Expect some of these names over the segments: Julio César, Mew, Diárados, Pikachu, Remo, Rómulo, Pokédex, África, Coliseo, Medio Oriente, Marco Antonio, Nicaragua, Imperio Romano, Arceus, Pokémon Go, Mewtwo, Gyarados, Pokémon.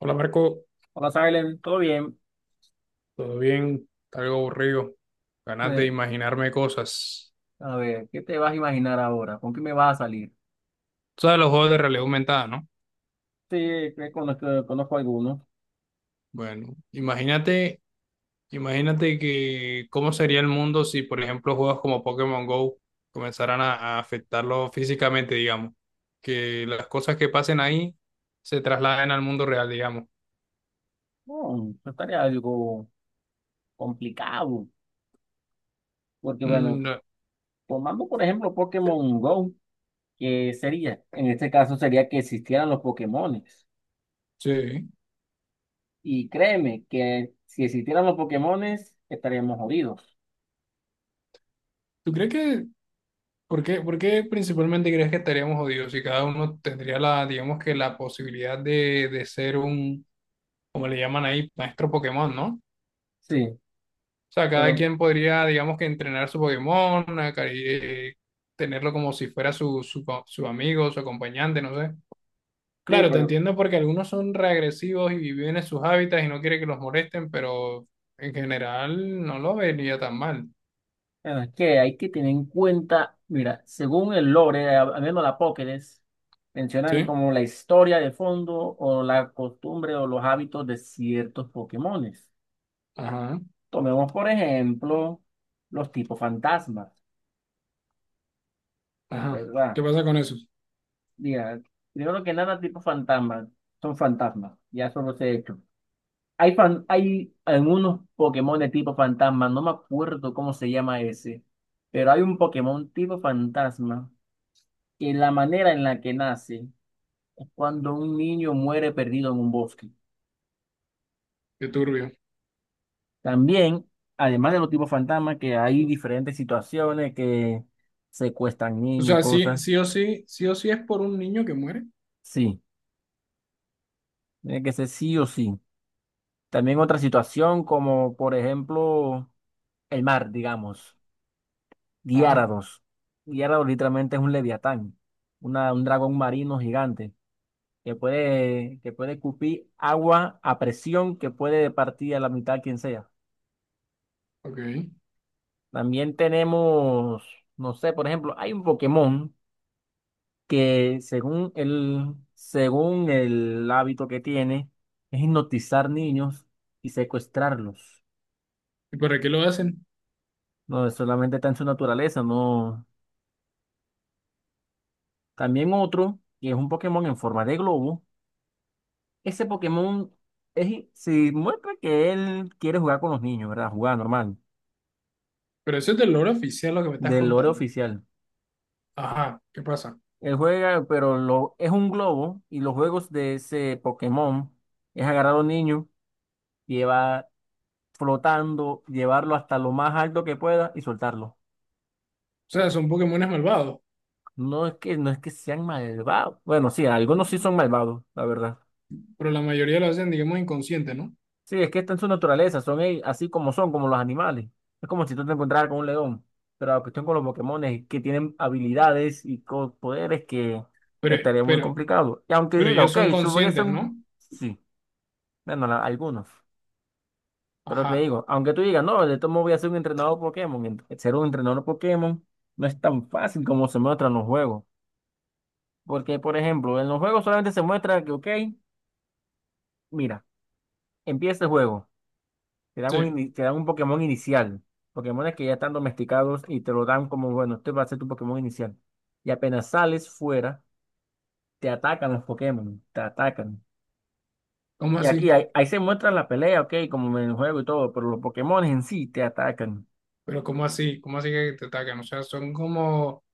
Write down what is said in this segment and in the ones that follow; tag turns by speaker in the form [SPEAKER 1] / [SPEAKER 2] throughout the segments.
[SPEAKER 1] Hola Marco,
[SPEAKER 2] Hola, Silent, ¿todo bien?
[SPEAKER 1] ¿todo bien? Está algo aburrido. Ganas de
[SPEAKER 2] Eh,
[SPEAKER 1] imaginarme cosas.
[SPEAKER 2] a ver, ¿qué te vas a imaginar ahora? ¿Con qué me vas a salir?
[SPEAKER 1] Tú sabes los juegos de realidad aumentada, ¿no?
[SPEAKER 2] Sí, que conozco algunos.
[SPEAKER 1] Bueno, imagínate que cómo sería el mundo si, por ejemplo, juegos como Pokémon Go comenzaran a afectarlo físicamente, digamos. Que las cosas que pasen ahí se trasladen al mundo real, digamos.
[SPEAKER 2] No, eso estaría algo complicado, porque bueno,
[SPEAKER 1] Mm, no,
[SPEAKER 2] tomando por ejemplo Pokémon Go, ¿qué sería? En este caso sería que existieran los Pokémones.
[SPEAKER 1] sí.
[SPEAKER 2] Y créeme que si existieran los Pokémones, estaríamos jodidos.
[SPEAKER 1] ¿Tú crees que, por qué principalmente crees que estaríamos jodidos si cada uno tendría la, digamos que la posibilidad de ser un como le llaman ahí, maestro Pokémon, ¿no? O
[SPEAKER 2] Sí,
[SPEAKER 1] sea, cada
[SPEAKER 2] pero...
[SPEAKER 1] quien podría, digamos que entrenar su Pokémon, tenerlo como si fuera su su amigo, su acompañante, no sé.
[SPEAKER 2] Sí,
[SPEAKER 1] Claro, te
[SPEAKER 2] pero
[SPEAKER 1] entiendo porque algunos son reagresivos y viven en sus hábitats y no quiere que los molesten, pero en general no lo vería tan mal.
[SPEAKER 2] bueno, es que hay que tener en cuenta, mira, según el lore, viendo la Pokédex, mencionan
[SPEAKER 1] Sí,
[SPEAKER 2] como la historia de fondo o la costumbre o los hábitos de ciertos Pokémones.
[SPEAKER 1] ajá,
[SPEAKER 2] Tomemos, por ejemplo, los tipos fantasmas,
[SPEAKER 1] ajá.
[SPEAKER 2] ¿verdad?
[SPEAKER 1] ¿Qué pasa con eso?
[SPEAKER 2] Mira, primero que nada, tipos fantasmas son fantasmas, ya eso los he hecho. Hay, hay algunos Pokémon de tipo fantasma, no me acuerdo cómo se llama ese, pero hay un Pokémon tipo fantasma que la manera en la que nace es cuando un niño muere perdido en un bosque.
[SPEAKER 1] Qué turbio.
[SPEAKER 2] También, además de los tipos fantasma, que hay diferentes situaciones que secuestran
[SPEAKER 1] O
[SPEAKER 2] niños,
[SPEAKER 1] sea, sí,
[SPEAKER 2] cosas.
[SPEAKER 1] sí o sí, sí o sí es por un niño que muere.
[SPEAKER 2] Sí, tiene que ser sí o sí. También otra situación como, por ejemplo, el mar, digamos,
[SPEAKER 1] Ajá,
[SPEAKER 2] Diárados. Diárados literalmente es un leviatán, una, un dragón marino gigante que puede escupir agua a presión que puede partir a la mitad quien sea.
[SPEAKER 1] ok.
[SPEAKER 2] También tenemos, no sé, por ejemplo, hay un Pokémon que según el hábito que tiene, es hipnotizar niños y secuestrarlos.
[SPEAKER 1] ¿Y por qué lo hacen?
[SPEAKER 2] No, es solamente está en su naturaleza, no. También otro, que es un Pokémon en forma de globo. Ese Pokémon es, si muestra que él quiere jugar con los niños, ¿verdad? Jugar normal,
[SPEAKER 1] Pero eso es del lore oficial lo que me estás
[SPEAKER 2] del lore
[SPEAKER 1] contando.
[SPEAKER 2] oficial.
[SPEAKER 1] Ajá, ¿qué pasa? O
[SPEAKER 2] Él juega, pero lo, es un globo y los juegos de ese Pokémon es agarrar a los niños llevar flotando, llevarlo hasta lo más alto que pueda y soltarlo.
[SPEAKER 1] sea, son Pokémones malvados,
[SPEAKER 2] No es que sean malvados. Bueno, sí, algunos sí son malvados, la verdad.
[SPEAKER 1] pero la mayoría lo hacen, digamos, inconsciente, ¿no?
[SPEAKER 2] Sí, es que está en su naturaleza, son ellos así como son, como los animales. Es como si tú te encontraras con un león. Pero la cuestión con los Pokémon es que tienen habilidades y poderes que
[SPEAKER 1] Pero,
[SPEAKER 2] estaría muy
[SPEAKER 1] pero,
[SPEAKER 2] complicado. Y aunque
[SPEAKER 1] pero
[SPEAKER 2] diga,
[SPEAKER 1] ellos
[SPEAKER 2] ok,
[SPEAKER 1] son
[SPEAKER 2] eso voy a hacer
[SPEAKER 1] conscientes, ¿no?
[SPEAKER 2] un... Sí, bueno, algunos. Pero te
[SPEAKER 1] Ajá,
[SPEAKER 2] digo, aunque tú digas, no, de todo modo voy a ser un entrenador Pokémon, ser un entrenador Pokémon no es tan fácil como se muestra en los juegos. Porque, por ejemplo, en los juegos solamente se muestra que, ok, mira, empieza el juego, te dan un,
[SPEAKER 1] sí.
[SPEAKER 2] te dan un Pokémon inicial, Pokémones que ya están domesticados y te lo dan como, bueno, este va a ser tu Pokémon inicial. Y apenas sales fuera, te atacan.
[SPEAKER 1] ¿Cómo
[SPEAKER 2] Y
[SPEAKER 1] así?
[SPEAKER 2] ahí se muestra la pelea, ok, como en el juego y todo, pero los Pokémones en sí te atacan.
[SPEAKER 1] Pero ¿cómo así? ¿Cómo así que te atacan? O sea, son como,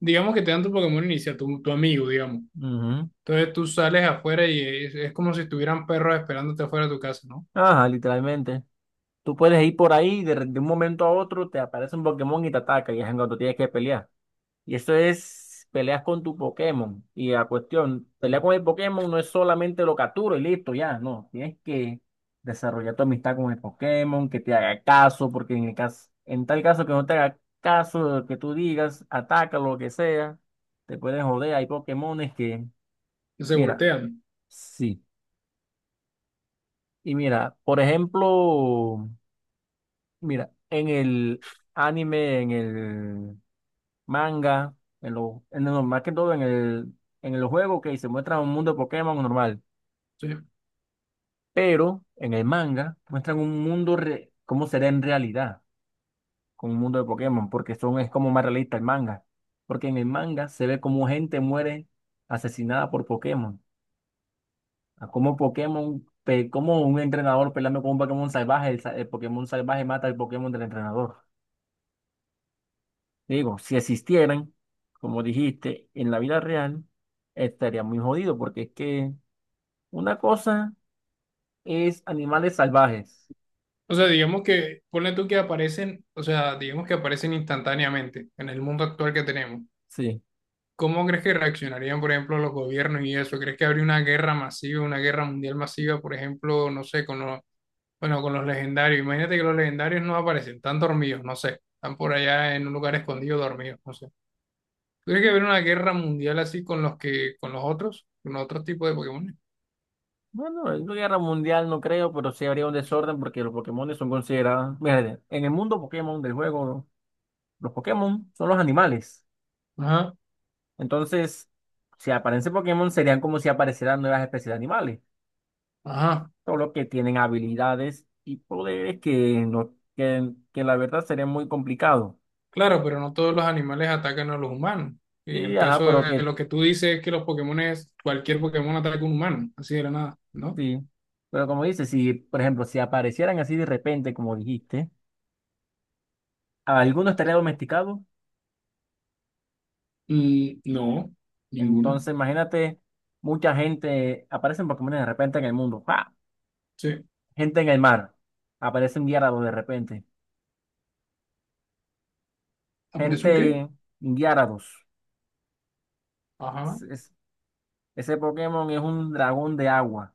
[SPEAKER 1] digamos que te dan tu Pokémon inicial, tu amigo, digamos.
[SPEAKER 2] Ujú.
[SPEAKER 1] Entonces tú sales afuera y es como si estuvieran perros esperándote afuera de tu casa, ¿no?
[SPEAKER 2] Ajá, literalmente. Tú puedes ir por ahí y de un momento a otro te aparece un Pokémon y te ataca y es en cuando tienes que pelear. Y eso es peleas con tu Pokémon. Y la cuestión, pelear con el Pokémon no es solamente lo capturo y listo, ya, no. Tienes que desarrollar tu amistad con el Pokémon, que te haga caso, porque en tal caso que no te haga caso de lo que tú digas, ataca lo que sea, te pueden joder. Hay Pokémones que,
[SPEAKER 1] Y se
[SPEAKER 2] mira,
[SPEAKER 1] voltean.
[SPEAKER 2] sí. Y mira, por ejemplo. Mira, en el anime, en el manga, más que todo en el juego que se muestra un mundo de Pokémon normal,
[SPEAKER 1] Sí.
[SPEAKER 2] pero en el manga muestran un mundo cómo será en realidad con un mundo de Pokémon, porque son, es como más realista el manga, porque en el manga se ve como gente muere asesinada por Pokémon, a cómo Pokémon, cómo un entrenador peleando con un Pokémon salvaje, el, el Pokémon salvaje mata al Pokémon del entrenador. Digo, si existieran, como dijiste, en la vida real, estaría muy jodido, porque es que una cosa es animales salvajes.
[SPEAKER 1] O sea, digamos que, ponle tú que aparecen, o sea, digamos que aparecen instantáneamente en el mundo actual que tenemos.
[SPEAKER 2] Sí.
[SPEAKER 1] ¿Cómo crees que reaccionarían, por ejemplo, los gobiernos y eso? ¿Crees que habría una guerra masiva, una guerra mundial masiva, por ejemplo, no sé, con los, bueno, con los legendarios? Imagínate que los legendarios no aparecen, están dormidos, no sé, están por allá en un lugar escondido dormidos, no sé. ¿Tú ¿crees que habría una guerra mundial así con los que, con los otros tipos de Pokémon?
[SPEAKER 2] Bueno, en una guerra mundial no creo, pero sí habría un desorden porque los Pokémon son considerados. Mira, en el mundo Pokémon del juego, los Pokémon son los animales.
[SPEAKER 1] Ajá,
[SPEAKER 2] Entonces, si aparecen Pokémon, serían como si aparecieran nuevas especies de animales.
[SPEAKER 1] ajá.
[SPEAKER 2] Solo que tienen habilidades y poderes que, no, que la verdad sería muy complicado.
[SPEAKER 1] Claro, pero no todos los animales atacan a los humanos. Y en
[SPEAKER 2] Sí,
[SPEAKER 1] el
[SPEAKER 2] ajá,
[SPEAKER 1] caso
[SPEAKER 2] pero
[SPEAKER 1] de
[SPEAKER 2] que
[SPEAKER 1] lo que tú dices es que los Pokémon cualquier Pokémon ataca a un humano, así de la nada, ¿no?
[SPEAKER 2] sí. Pero como dices, si, por ejemplo, si aparecieran así de repente, como dijiste, alguno estaría domesticado.
[SPEAKER 1] Mm, no, ninguno.
[SPEAKER 2] Entonces, imagínate, mucha gente, aparecen Pokémon de repente en el mundo. ¡Pa!
[SPEAKER 1] Sí.
[SPEAKER 2] Gente en el mar. Aparecen Gyarados de repente.
[SPEAKER 1] ¿Aparece un qué?
[SPEAKER 2] Gente Gyarados.
[SPEAKER 1] Ajá.
[SPEAKER 2] Es- es- ese Pokémon es un dragón de agua.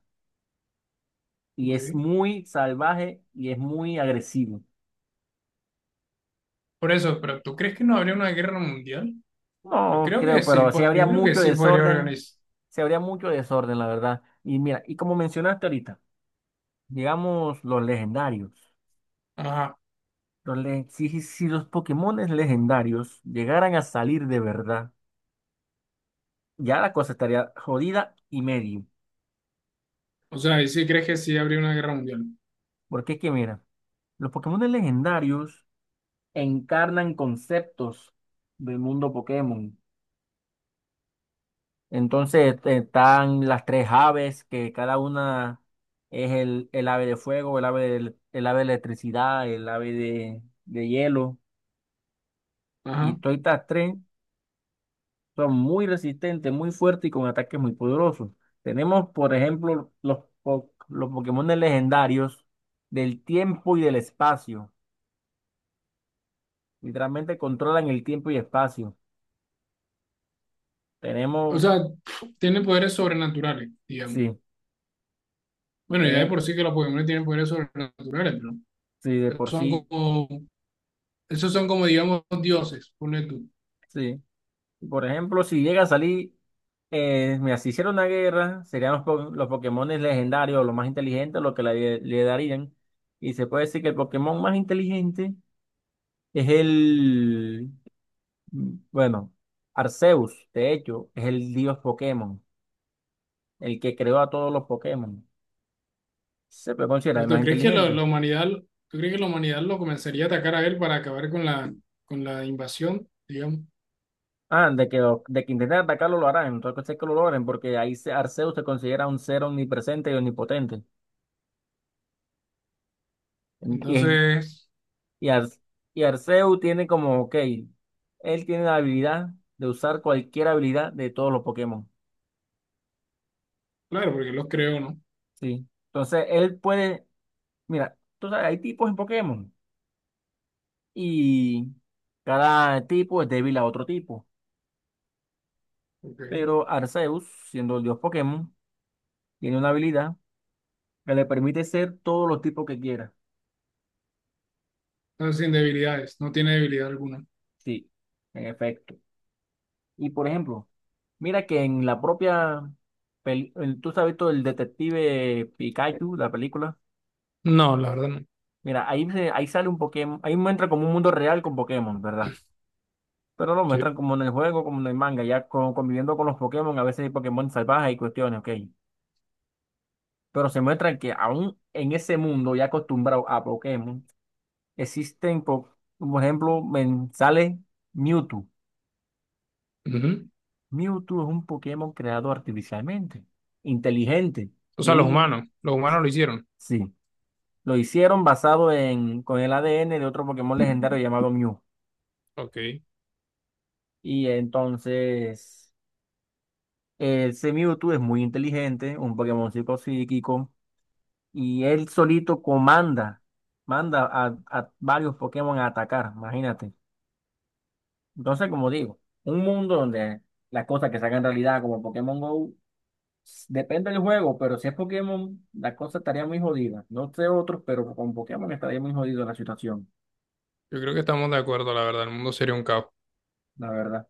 [SPEAKER 2] Y es
[SPEAKER 1] Ok.
[SPEAKER 2] muy salvaje y es muy agresivo.
[SPEAKER 1] Por eso, pero ¿tú crees que no habría una guerra mundial? Yo
[SPEAKER 2] No
[SPEAKER 1] creo
[SPEAKER 2] creo,
[SPEAKER 1] que sí,
[SPEAKER 2] pero sí habría
[SPEAKER 1] yo creo que
[SPEAKER 2] mucho
[SPEAKER 1] sí podría
[SPEAKER 2] desorden.
[SPEAKER 1] organizar.
[SPEAKER 2] Sí habría mucho desorden, la verdad. Y mira, y como mencionaste ahorita, digamos los legendarios.
[SPEAKER 1] Ajá.
[SPEAKER 2] Si, si los Pokémones legendarios llegaran a salir de verdad, ya la cosa estaría jodida y medio.
[SPEAKER 1] O sea, ¿y sí crees que sí habría una guerra mundial?
[SPEAKER 2] Porque es que mira, los Pokémones legendarios encarnan conceptos del mundo Pokémon. Entonces están las tres aves, que cada una es el ave de fuego, el ave de electricidad, el ave de hielo. Y
[SPEAKER 1] Ajá.
[SPEAKER 2] todas estas tres son muy resistentes, muy fuertes y con ataques muy poderosos. Tenemos, por ejemplo, los, los Pokémon legendarios del tiempo y del espacio. Literalmente controlan el tiempo y espacio.
[SPEAKER 1] O
[SPEAKER 2] Tenemos,
[SPEAKER 1] sea, tiene poderes sobrenaturales, digamos.
[SPEAKER 2] sí,
[SPEAKER 1] Bueno, ya de
[SPEAKER 2] tiene-
[SPEAKER 1] por sí que los Pokémon tienen poderes sobrenaturales,
[SPEAKER 2] sí, de
[SPEAKER 1] pero esos
[SPEAKER 2] por
[SPEAKER 1] son
[SPEAKER 2] sí,
[SPEAKER 1] como, esos son como, digamos, dioses, ponle tú.
[SPEAKER 2] sí. Por ejemplo, si llega a salir, mira, si hiciera una guerra, serían los, los Pokémon legendarios, los más inteligentes, los que le darían. Y se puede decir que el Pokémon más inteligente es el, bueno, Arceus, de hecho, es el dios Pokémon, el que creó a todos los Pokémon. Se puede considerar el
[SPEAKER 1] Pero ¿tú
[SPEAKER 2] más
[SPEAKER 1] crees que la,
[SPEAKER 2] inteligente.
[SPEAKER 1] la humanidad, tú crees que la humanidad lo comenzaría a atacar a él para acabar con la invasión, digamos?
[SPEAKER 2] Ah, de que intenten atacarlo lo harán, entonces que lo logren, porque ahí Arceus se considera un ser omnipresente y omnipotente. Y es
[SPEAKER 1] Entonces...
[SPEAKER 2] Y, Ar- y Arceus tiene como, ok, él tiene la habilidad de usar cualquier habilidad de todos los Pokémon.
[SPEAKER 1] Claro, porque los creo, ¿no?
[SPEAKER 2] Sí. Entonces, él puede, mira, tú sabes, hay tipos en Pokémon y cada tipo es débil a otro tipo.
[SPEAKER 1] Ok.
[SPEAKER 2] Pero Arceus, siendo el dios Pokémon, tiene una habilidad que le permite ser todos los tipos que quiera.
[SPEAKER 1] Entonces, sin debilidades, no tiene debilidad alguna.
[SPEAKER 2] Sí, en efecto. Y por ejemplo, mira que en la propia, tú sabes todo el detective Pikachu, la película.
[SPEAKER 1] No, la verdad no.
[SPEAKER 2] Mira, ahí, ahí sale un Pokémon, ahí muestra como un mundo real con Pokémon, ¿verdad? Pero lo muestran
[SPEAKER 1] Sí.
[SPEAKER 2] como en el juego, como en el manga, ya conviviendo con los Pokémon, a veces hay Pokémon salvajes y cuestiones, ok. Pero se muestra que aún en ese mundo ya acostumbrado a Pokémon, existen, por ejemplo, sale Mewtwo.
[SPEAKER 1] Ujú.
[SPEAKER 2] Mewtwo es un Pokémon creado artificialmente, inteligente,
[SPEAKER 1] O
[SPEAKER 2] y
[SPEAKER 1] sea, los
[SPEAKER 2] él,
[SPEAKER 1] humanos, los humanos lo hicieron.
[SPEAKER 2] sí, lo hicieron basado en, con el ADN de otro Pokémon legendario llamado Mew.
[SPEAKER 1] Ok. Yo
[SPEAKER 2] Y entonces... Ese Mewtwo es muy inteligente, un Pokémon psíquico, y él solito comanda, manda a varios Pokémon a atacar, imagínate. Entonces, como digo, un mundo donde las cosas que se hagan realidad, como Pokémon Go, depende del juego, pero si es Pokémon, la cosa estaría muy jodida. No sé otros, pero con Pokémon estaría muy jodido la situación,
[SPEAKER 1] creo que estamos de acuerdo, la verdad, el mundo sería un caos.
[SPEAKER 2] la verdad.